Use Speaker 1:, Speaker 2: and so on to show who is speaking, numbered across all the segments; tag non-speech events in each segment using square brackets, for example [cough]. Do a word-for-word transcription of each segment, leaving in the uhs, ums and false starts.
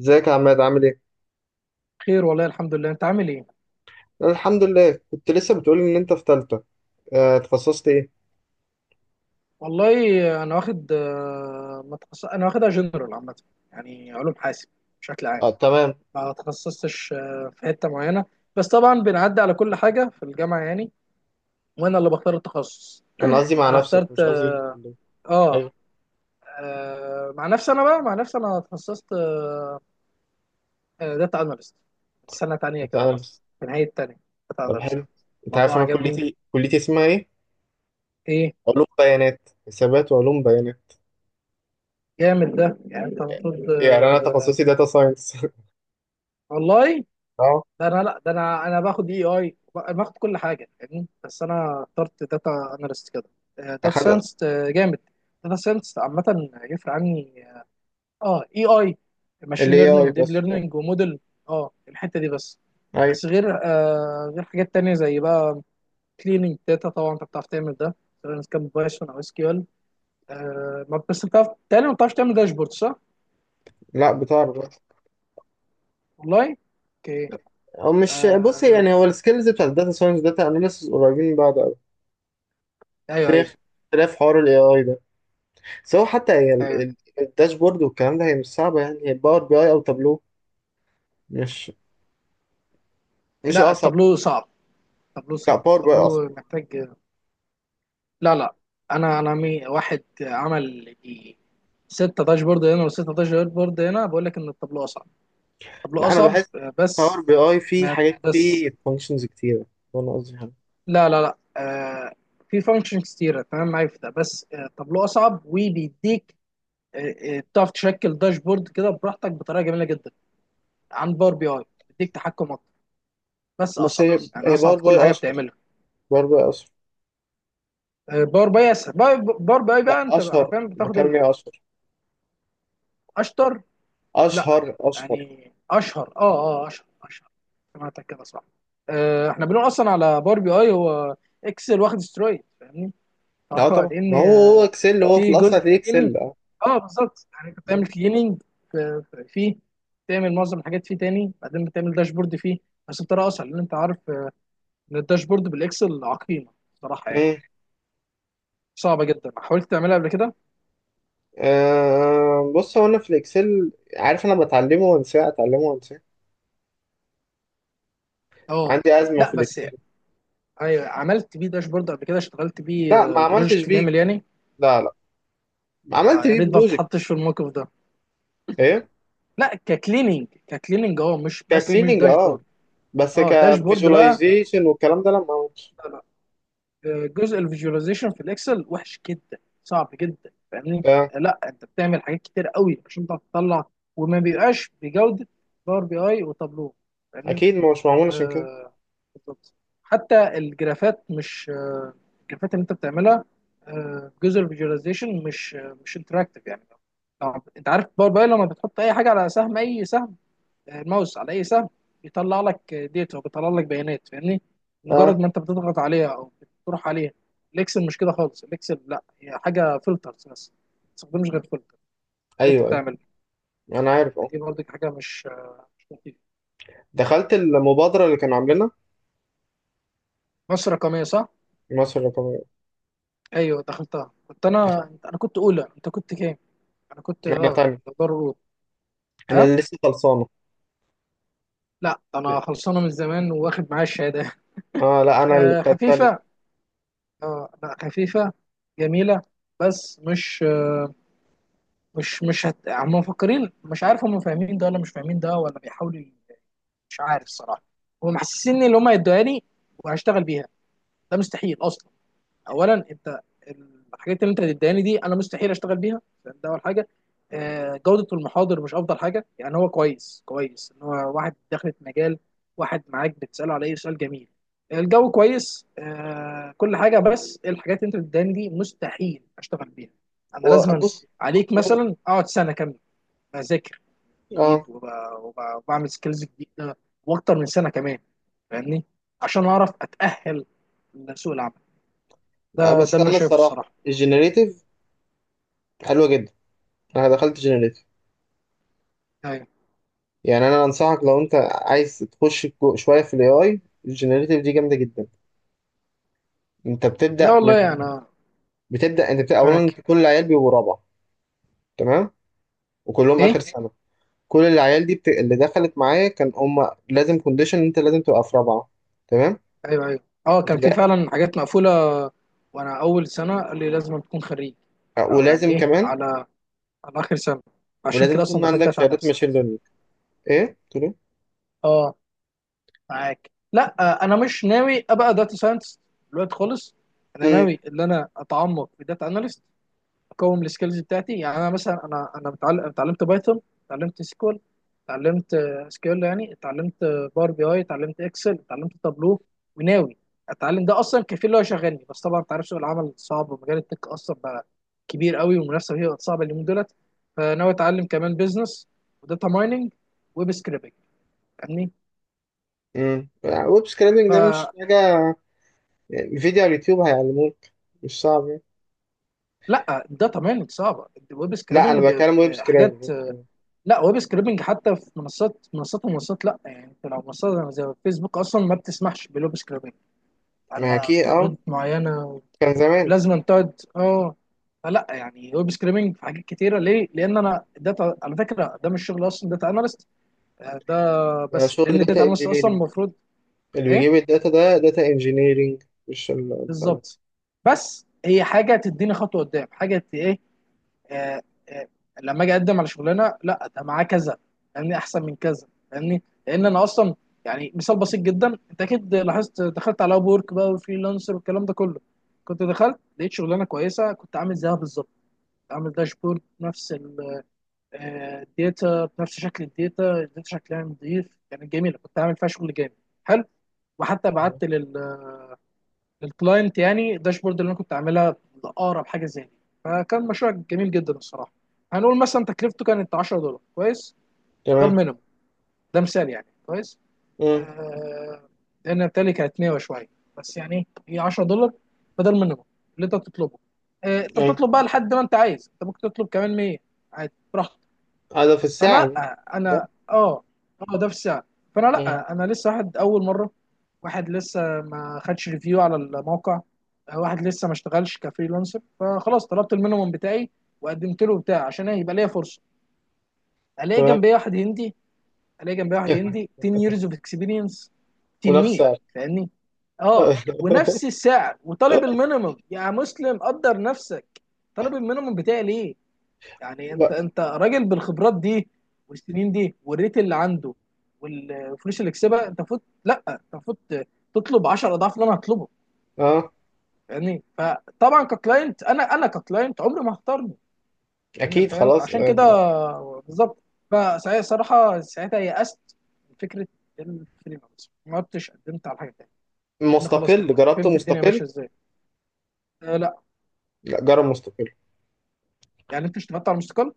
Speaker 1: ازيك يا عماد، عامل ايه؟
Speaker 2: خير، والله الحمد لله. انت عامل ايه؟
Speaker 1: أنا الحمد لله. كنت لسه بتقولي ان انت في تالتة. آه، اتخصصت ايه؟
Speaker 2: والله انا واخد آه، ما تخص... انا واخدها جنرال عامه، يعني علوم حاسب بشكل عام.
Speaker 1: اه، تمام.
Speaker 2: ما تخصصتش آه، في حته معينه، بس طبعا بنعدي على كل حاجه في الجامعه يعني، وانا اللي بختار التخصص.
Speaker 1: انا قصدي مع
Speaker 2: انا
Speaker 1: نفسك،
Speaker 2: اخترت
Speaker 1: مش قصدي في
Speaker 2: اه,
Speaker 1: الكلية.
Speaker 2: آه
Speaker 1: ايوه.
Speaker 2: آه، مع نفسي، انا بقى مع نفسي انا تخصصت داتا اناليست، سنه تانية
Speaker 1: انت
Speaker 2: كده مثلا،
Speaker 1: اناليست.
Speaker 2: في نهايه تانية. داتا
Speaker 1: طب
Speaker 2: اناليست.
Speaker 1: حلو. انت عارف
Speaker 2: الموضوع
Speaker 1: انا
Speaker 2: عجبني.
Speaker 1: كليتي كليتي اسمها ايه؟
Speaker 2: ايه؟
Speaker 1: علوم بيانات، حسابات وعلوم بيانات.
Speaker 2: جامد ده، يعني انت المفروض
Speaker 1: يعني انا
Speaker 2: آه،
Speaker 1: تخصصي داتا ساينس. [laughs]
Speaker 2: والله
Speaker 1: اه،
Speaker 2: ده انا لا ده انا انا باخد اي اي باخد كل حاجه يعني، بس انا اخترت داتا اناليست كده. داتا
Speaker 1: اخد
Speaker 2: ساينس جامد. داتا ساينس عامه يفرق عني. اه، اي اي
Speaker 1: ال
Speaker 2: ماشين ليرنينج
Speaker 1: ايه آي
Speaker 2: وديب
Speaker 1: بس آه،
Speaker 2: ليرنينج وموديل. اه، الحته دي بس.
Speaker 1: ايوه.
Speaker 2: بس غير آه غير حاجات تانية زي بقى كليننج داتا. طبعا انت بتعرف تعمل ده، سواء كان بايثون او اس كيو ال. آه ما بس بتعرف، تاني ما بتعرفش تعمل داشبورد، صح؟
Speaker 1: لا، بتعرف.
Speaker 2: والله. اوكي.
Speaker 1: او مش، بص
Speaker 2: آه.
Speaker 1: يعني هو السكيلز بتاع الداتا ساينس داتا اناليسيس قريبين من بعض قوي. بس
Speaker 2: ايوه،
Speaker 1: هي
Speaker 2: ايوه.
Speaker 1: اختلاف حوار ال ايه آي ده، سواء حتى هي ال-
Speaker 2: ايوه.
Speaker 1: ال- الداشبورد والكلام ده، هي مش صعبة. يعني هي باور بي اي او تابلو، مش مش
Speaker 2: لا،
Speaker 1: اصعب.
Speaker 2: التابلو صعب. طابلوه
Speaker 1: لا،
Speaker 2: صعب،
Speaker 1: باور بي اي اصعب.
Speaker 2: طابلوه محتاج. لا لا. انا انا مي... واحد عمل دي ستة داشبورد هنا وستة داشبورد هنا، بقول لك ان الطابلوه اصعب. الطابلوه
Speaker 1: لا، انا
Speaker 2: اصعب،
Speaker 1: بحس
Speaker 2: آه،
Speaker 1: باور
Speaker 2: بس.
Speaker 1: بي اي فيه
Speaker 2: ما
Speaker 1: حاجات،
Speaker 2: بس.
Speaker 1: فيه فانكشنز كتيرة. ده انا قصدي يعني.
Speaker 2: لا لا لا آه، في فانكشن كتيرة، تمام، معايا في ده، بس آه، الطابلوه اصعب وبيديك آه، آه، بتعرف تشكل داشبورد كده براحتك بطريقه جميله جدا عن باور بي اي. بيديك تحكم اكتر، بس
Speaker 1: بس
Speaker 2: اصعب،
Speaker 1: هي
Speaker 2: يعني
Speaker 1: هي
Speaker 2: اصعب
Speaker 1: باور
Speaker 2: في
Speaker 1: بي
Speaker 2: كل
Speaker 1: اي
Speaker 2: حاجه
Speaker 1: اشهر.
Speaker 2: بتعملها.
Speaker 1: باور بي اي اشهر.
Speaker 2: آه، باور بي اسهل. باور باور بي اي
Speaker 1: لا،
Speaker 2: بقى انت
Speaker 1: اشهر.
Speaker 2: حرفيا بتاخد
Speaker 1: بكلم ايه؟ اشهر
Speaker 2: الاشطر. لا،
Speaker 1: اشهر اشهر.
Speaker 2: يعني اشهر. اه اه، اشهر اشهر. سمعتك كده صح. آه احنا بنقول اصلا على باور بي اي هو اكسل واخد سترويد، فاهمني؟ [laughs]
Speaker 1: لا
Speaker 2: فهو
Speaker 1: طبعا، ما هو
Speaker 2: لان
Speaker 1: هو اكسل، هو في
Speaker 2: في
Speaker 1: الاصل
Speaker 2: جزء
Speaker 1: هتلاقيه
Speaker 2: كليننج.
Speaker 1: اكسل. اه.
Speaker 2: اه، بالظبط، يعني انت
Speaker 1: مم.
Speaker 2: بتعمل كليننج فيه، بتعمل معظم الحاجات فيه، تاني بعدين بتعمل داشبورد فيه بس بطريقه اسهل، لان انت عارف آه، ان الداشبورد بالاكسل عقيمه صراحه، يعني صعبه جدا. حاولت تعملها قبل كده؟
Speaker 1: آه، بص هو انا في الاكسل عارف، انا بتعلمه وانساه، اتعلمه وانساه.
Speaker 2: اه،
Speaker 1: عندي ازمة
Speaker 2: لا
Speaker 1: في
Speaker 2: بس
Speaker 1: الاكسل.
Speaker 2: يعني. ايوه، عملت بيه داشبورد قبل كده، اشتغلت بيه
Speaker 1: لا، ما
Speaker 2: آه،
Speaker 1: عملتش
Speaker 2: بروجكت
Speaker 1: بيه.
Speaker 2: كامل يعني.
Speaker 1: لا، لا.
Speaker 2: يا
Speaker 1: عملت
Speaker 2: يا
Speaker 1: بيه
Speaker 2: ريت ما
Speaker 1: بروجكت.
Speaker 2: تتحطش في الموقف ده.
Speaker 1: ايه؟
Speaker 2: لا، ككليننج، ككليننج اه، مش بس مش
Speaker 1: ككليننج اه.
Speaker 2: داشبورد.
Speaker 1: بس
Speaker 2: اه، داشبورد بقى.
Speaker 1: كفيجواليزيشن والكلام ده لا، ما عملتش.
Speaker 2: لا لا، آه، جزء الفيجواليزيشن في الاكسل وحش جدا، صعب جدا، فاهمني؟
Speaker 1: آه.
Speaker 2: آه، لا، انت بتعمل حاجات كتير قوي عشان تعرف تطلع، وما بيبقاش بجوده باور بي اي وتابلو، فاهمني؟
Speaker 1: اكيد مش معمول عشان كده.
Speaker 2: آه بالظبط. حتى الجرافات مش آه الجرافات اللي انت بتعملها آه جزء الفيجواليزيشن مش آه مش انتراكتيف يعني. طب انت عارف باور بي اي لما بتحط اي حاجه على سهم، اي سهم، الماوس على اي سهم، بيطلع لك ديتا وبيطلع لك بيانات، فاهمني؟ مجرد
Speaker 1: اه.
Speaker 2: ما انت بتضغط عليها او بتروح عليها. الاكسل مش كده خالص. الاكسل لا، هي حاجه فلترز بس، ما تستخدمش غير فلتر اللي انت
Speaker 1: ايوه، ايوه.
Speaker 2: بتعمله.
Speaker 1: انا عارف اه.
Speaker 2: دي برضك حاجه مش مش لطيفه.
Speaker 1: دخلت المبادره اللي كانوا عاملينها.
Speaker 2: مصر رقميه، صح؟
Speaker 1: مصر الرقميه.
Speaker 2: ايوه، دخلتها. كنت
Speaker 1: دخلت.
Speaker 2: انا، انا كنت اولى. انت كنت كام؟ انا كنت
Speaker 1: انا
Speaker 2: اه
Speaker 1: تاني.
Speaker 2: دار اولى.
Speaker 1: انا
Speaker 2: ها؟
Speaker 1: اللي لسه خلصانه.
Speaker 2: لا، ده انا خلصانه من زمان، واخد معايا الشهاده.
Speaker 1: اه، لا
Speaker 2: [laughs]
Speaker 1: انا اللي
Speaker 2: آه،
Speaker 1: بتاع التاني.
Speaker 2: خفيفه. اه، لا، خفيفه. جميله. بس مش مش مش هت... هم مفكرين، مش عارف، هم فاهمين ده ولا مش فاهمين ده، ولا بيحاولوا ي- مش عارف الصراحه. هم محسسيني اللي هم هيدوها لي وهشتغل بيها، ده مستحيل اصلا. اولا انت، الحاجات اللي انت هتديهاني دي انا مستحيل اشتغل بيها، ده اول حاجه. آه، جوده المحاضر مش افضل حاجه يعني. هو كويس، كويس ان هو واحد دخلت مجال، واحد معاك بتساله على اي سؤال، جميل. الجو كويس، آه، كل حاجه، بس الحاجات اللي انت بتديهاني دي مستحيل اشتغل بيها. انا لازم
Speaker 1: وبص.
Speaker 2: عليك مثلا اقعد سنه كامله بذاكر
Speaker 1: اه.
Speaker 2: جديد، وب- وب- وبعمل سكيلز جديده، واكتر من سنه كمان، فاهمني؟ عشان اعرف اتاهل لسوق العمل. ده
Speaker 1: لا،
Speaker 2: ده اللي
Speaker 1: بس
Speaker 2: انا
Speaker 1: انا
Speaker 2: شايفه
Speaker 1: الصراحه
Speaker 2: الصراحه.
Speaker 1: الجنريتيف حلوه جدا. انا دخلت جنريتيف.
Speaker 2: ايوه.
Speaker 1: يعني انا انصحك، لو انت عايز تخش جو- شويه في الاي اي، الجنريتيف دي جامده جدا. انت
Speaker 2: لا
Speaker 1: بتبدا.
Speaker 2: والله انا
Speaker 1: بتبدا انت بتبقى اولا،
Speaker 2: معاك.
Speaker 1: كل العيال بيبقوا رابعه. تمام. وكلهم اخر
Speaker 2: ايه،
Speaker 1: سنه. كل العيال دي بت... اللي دخلت معايا كان هم لازم كونديشن، انت لازم تبقى في رابعه. تمام.
Speaker 2: ايوه، ايوه. اه، كان في
Speaker 1: وتبقى،
Speaker 2: فعلا حاجات مقفوله. وانا اول سنه قال لي لازم تكون خريج او يعني
Speaker 1: ولازم
Speaker 2: ايه،
Speaker 1: كمان،
Speaker 2: على على اخر سنه. عشان
Speaker 1: ولازم
Speaker 2: كده اصلا
Speaker 1: يكون
Speaker 2: دخلت
Speaker 1: عندك
Speaker 2: داتا
Speaker 1: شهادات
Speaker 2: اناليست.
Speaker 1: ماشين ليرنينج. ايه تقول ايه؟
Speaker 2: اه، معاك. لا آه، انا مش ناوي ابقى داتا ساينس دلوقتي خالص. انا
Speaker 1: امم
Speaker 2: ناوي ان انا اتعمق في داتا اناليست، اقوم السكيلز بتاعتي. يعني انا مثلا، انا انا متعلم، اتعلمت بايثون، اتعلمت سيكوال، اتعلمت سكيول يعني، اتعلمت باور بي اي، اتعلمت اكسل، اتعلمت تابلو، وناوي اتعلم. ده اصلا كفيل اللي هو يشغلني. بس طبعا انت عارف سوق العمل صعب، ومجال التك اصلا بقى كبير قوي، والمنافسه فيه بقت صعبه اليومين دولت. فناوي اتعلم كمان بزنس، وداتا مايننج، ويب سكريبنج، فاهمني؟
Speaker 1: امم ويب سكريبنج ده مش
Speaker 2: فلا،
Speaker 1: حاجه، يعني فيديو على اليوتيوب هيعلموك. مش صعب يعني.
Speaker 2: الداتا مايننج صعبه. الويب
Speaker 1: لا، انا
Speaker 2: سكريبنج
Speaker 1: بتكلم ويب
Speaker 2: حاجات،
Speaker 1: سكريبنج.
Speaker 2: لا، ويب سكريبنج حتى في منصات، منصات ومنصات، لا، يعني انت لو منصات زي فيسبوك اصلا ما بتسمحش بالويب سكريبنج
Speaker 1: ما
Speaker 2: الا
Speaker 1: اكيد
Speaker 2: في
Speaker 1: اه،
Speaker 2: حدود معينه،
Speaker 1: كان زمان.
Speaker 2: ولازم أن تقعد اه فلا يعني ويب سكريبنج في حاجات كتيره. ليه؟ لان انا داتا، على فكره ده مش شغل اصلا داتا اناليست ده،
Speaker 1: يعني
Speaker 2: بس
Speaker 1: شغل
Speaker 2: لان الداتا
Speaker 1: داتا
Speaker 2: اناليست اصلا
Speaker 1: انجينيرنج،
Speaker 2: المفروض.
Speaker 1: اللي
Speaker 2: ايه،
Speaker 1: بيجيب الداتا ده داتا انجينيرنج، مش ال...
Speaker 2: بالظبط. بس هي حاجه تديني خطوه قدام حاجه، آه، آه، لما اجي اقدم على شغلانه، لا، ده معاه كذا، فاهمني، احسن من كذا، فاهمني، لان انا اصلا يعني. مثال بسيط جدا: انت اكيد لاحظت، دخلت على اب وورك بقى وفريلانسر والكلام ده كله. كنت دخلت لقيت شغلانه كويسه، كنت عامل زيها بالظبط، عامل داشبورد نفس الداتا بنفس شكل الداتا. الداتا شكلها نظيف، كانت جميله، كنت عامل فيها شغل جامد، حلو. وحتى بعت الكلاينت يعني الداشبورد اللي انا كنت عاملها لاقرب حاجه زي دي. فكان مشروع جميل جدا الصراحه. هنقول مثلا تكلفته كانت عشرة دولار، كويس. ده
Speaker 1: تمام.
Speaker 2: المينيمم. ده مثال يعني، كويس.
Speaker 1: إمم.
Speaker 2: آه، لان بالتالي كانت مية وشويه، بس يعني هي عشرة دولار. فده المينيمم اللي انت بتطلبه. آه، انت
Speaker 1: اه،
Speaker 2: بتطلب بقى لحد ما انت عايز، انت ممكن تطلب كمان مئة عادي، براحتك.
Speaker 1: هذا في
Speaker 2: فانا
Speaker 1: الساعة دي،
Speaker 2: لا،
Speaker 1: صح؟
Speaker 2: انا اه اه، ده في الساعه. فانا
Speaker 1: مم.
Speaker 2: لا، انا لسه واحد اول مره، واحد لسه ما خدش ريفيو على الموقع، واحد لسه ما اشتغلش كفريلانسر، فخلاص طلبت المينيموم بتاعي وقدمت له بتاع عشان يبقى ليا فرصه. الاقي
Speaker 1: تمام.
Speaker 2: جنبي واحد هندي، الاقي جنبي واحد
Speaker 1: [laughs]
Speaker 2: هندي ten years of experience، تنين،
Speaker 1: منافسة.
Speaker 2: فاهمني؟ اه، ونفس السعر، وطالب
Speaker 1: [laughs]
Speaker 2: المينيموم. يا مسلم، قدر نفسك. طالب المينيموم بتاعي ليه؟ يعني انت
Speaker 1: لا.
Speaker 2: انت راجل بالخبرات دي والسنين دي والريت اللي عنده والفلوس اللي كسبها. انت المفروض، لا، انت المفروض تطلب 10 اضعاف اللي انا هطلبه،
Speaker 1: اه،
Speaker 2: يعني. فطبعا ككلاينت، انا انا ككلاينت، عمري ما هختارني، لان انا
Speaker 1: اكيد.
Speaker 2: فاهم.
Speaker 1: خلاص
Speaker 2: فعشان كده،
Speaker 1: آه،
Speaker 2: بالظبط. فساعتها صراحه، ساعتها يأست من فكره الفريلانس، ما عدتش قدمت على حاجه تانيه، لان خلاص كده
Speaker 1: مستقل.
Speaker 2: انا
Speaker 1: جربت
Speaker 2: فهمت الدنيا
Speaker 1: مستقل.
Speaker 2: ماشيه ازاي. أه، لا،
Speaker 1: لا، جرب مستقل.
Speaker 2: يعني انت اشتغلت على المستقل.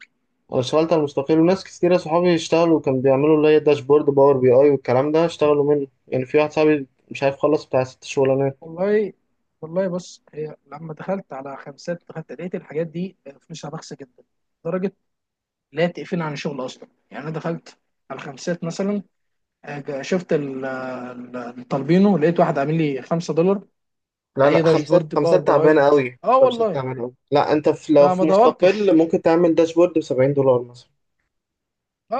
Speaker 1: انا اشتغلت على مستقل، وناس كتيرة صحابي اشتغلوا، كان بيعملوا اللي هي داشبورد باور بي اي والكلام ده، اشتغلوا منه يعني. في واحد صاحبي مش عارف، خلص بتاع ست شغلانات.
Speaker 2: والله. والله بص، هي لما دخلت على خمسات، دخلت لقيت الحاجات دي فلوسها بخسة جدا لدرجة لا تقفلني عن الشغل أصلا. يعني أنا دخلت على خمسات مثلا، آه، شفت ال- ال- الطالبينو، لقيت واحد عامل لي خمسة دولار
Speaker 1: لا،
Speaker 2: لأي
Speaker 1: لا، خمسات.
Speaker 2: داشبورد باور
Speaker 1: خمسات
Speaker 2: بي
Speaker 1: تعبانة
Speaker 2: أي.
Speaker 1: قوي.
Speaker 2: أه
Speaker 1: خمسات
Speaker 2: والله.
Speaker 1: تعبانة قوي. لا، انت في، لو
Speaker 2: فما
Speaker 1: في مستقل،
Speaker 2: دورتش.
Speaker 1: ممكن تعمل داشبورد ب سبعين دولار مثلا،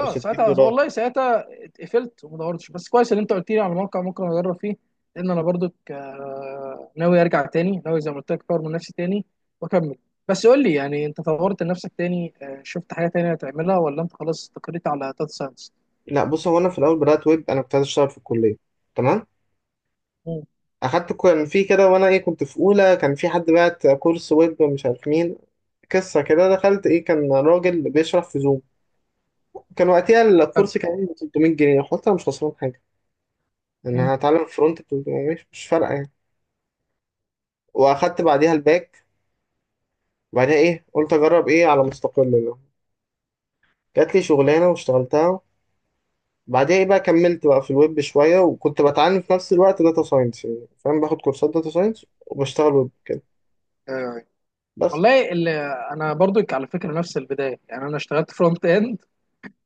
Speaker 1: او 60
Speaker 2: ساعتها،
Speaker 1: دولار
Speaker 2: والله ساعتها اتقفلت وما دورتش. بس كويس ان انت قلت لي على موقع ممكن اجرب فيه، لان انا برضو ناوي ارجع تاني، ناوي زي ما قلت لك اطور من نفسي تاني واكمل. بس قول لي يعني انت طورت من نفسك تاني، آه، شفت حاجه تانية تعملها ولا انت خلاص استقريت على داتا ساينس؟
Speaker 1: لا بص، هو انا في الاول بدات ويب. انا كنت عايز اشتغل في الكليه. تمام.
Speaker 2: مم.
Speaker 1: اخدت كان في كده، وانا ايه، كنت في اولى، كان في حد بعت كورس ويب مش عارف مين. قصه كده، دخلت. ايه، كان راجل بيشرح في زوم. كان وقتها
Speaker 2: حلو.
Speaker 1: الكورس كان ب ثلاثمائة جنيه، قلت انا مش خسران حاجه.
Speaker 2: مم.
Speaker 1: انا هتعلم فرونت ب ثلاثمية، مش مش فارقه يعني. واخدت بعديها الباك. وبعدها ايه، قلت اجرب ايه على مستقل بقى. جات لي شغلانه واشتغلتها. بعدها ايه بقى، كملت بقى في الويب شويه، وكنت بتعلم في نفس الوقت داتا ساينس، يعني فاهم باخد كورسات داتا ساينس وبشتغل ويب
Speaker 2: آه،
Speaker 1: بس.
Speaker 2: والله اللي انا برضو، على فكره، نفس البدايه، يعني انا اشتغلت فرونت اند،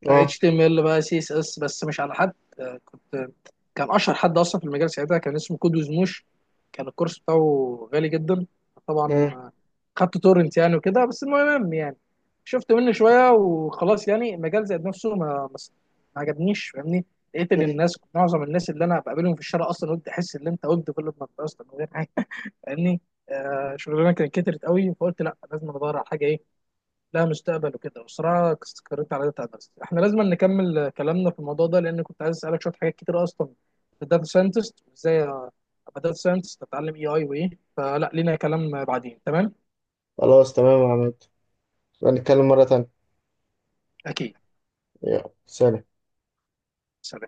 Speaker 1: اه.
Speaker 2: اتش تي ام ال بقى، سي اس اس، بس مش على حد. آه، كنت كان اشهر حد اصلا في المجال ساعتها كان اسمه كود وزموش، كان الكورس بتاعه غالي جدا طبعا.
Speaker 1: مم.
Speaker 2: آه، خدت تورنت يعني وكده. بس المهم يعني شفت منه شويه وخلاص، يعني المجال زاد نفسه، ما ما ما عجبنيش، فاهمني؟ لقيت ان
Speaker 1: مم.
Speaker 2: الناس، معظم الناس اللي انا بقابلهم في الشارع اصلا، قلت احس ان انت ويب ديفلوبمنت اصلا من غير حاجه، فاهمني؟ آه شغلانه كانت كترت قوي، فقلت لا، لازم ادور على حاجه ايه، لا، مستقبل وكده. بصراحة استقريت على داتا اناليست. احنا لازم نكمل كلامنا في الموضوع ده، لان كنت عايز اسألك شوية حاجات كتير اصلا في الداتا ساينتست، وازاي ابقى داتا ساينتست، اتعلم اي اي وايه. فلا، لينا كلام بعدين، تمام؟
Speaker 1: خلاص تمام يا عماد، نتكلم مرة تانية.
Speaker 2: اكيد.
Speaker 1: يلا، سلام.
Speaker 2: سلام.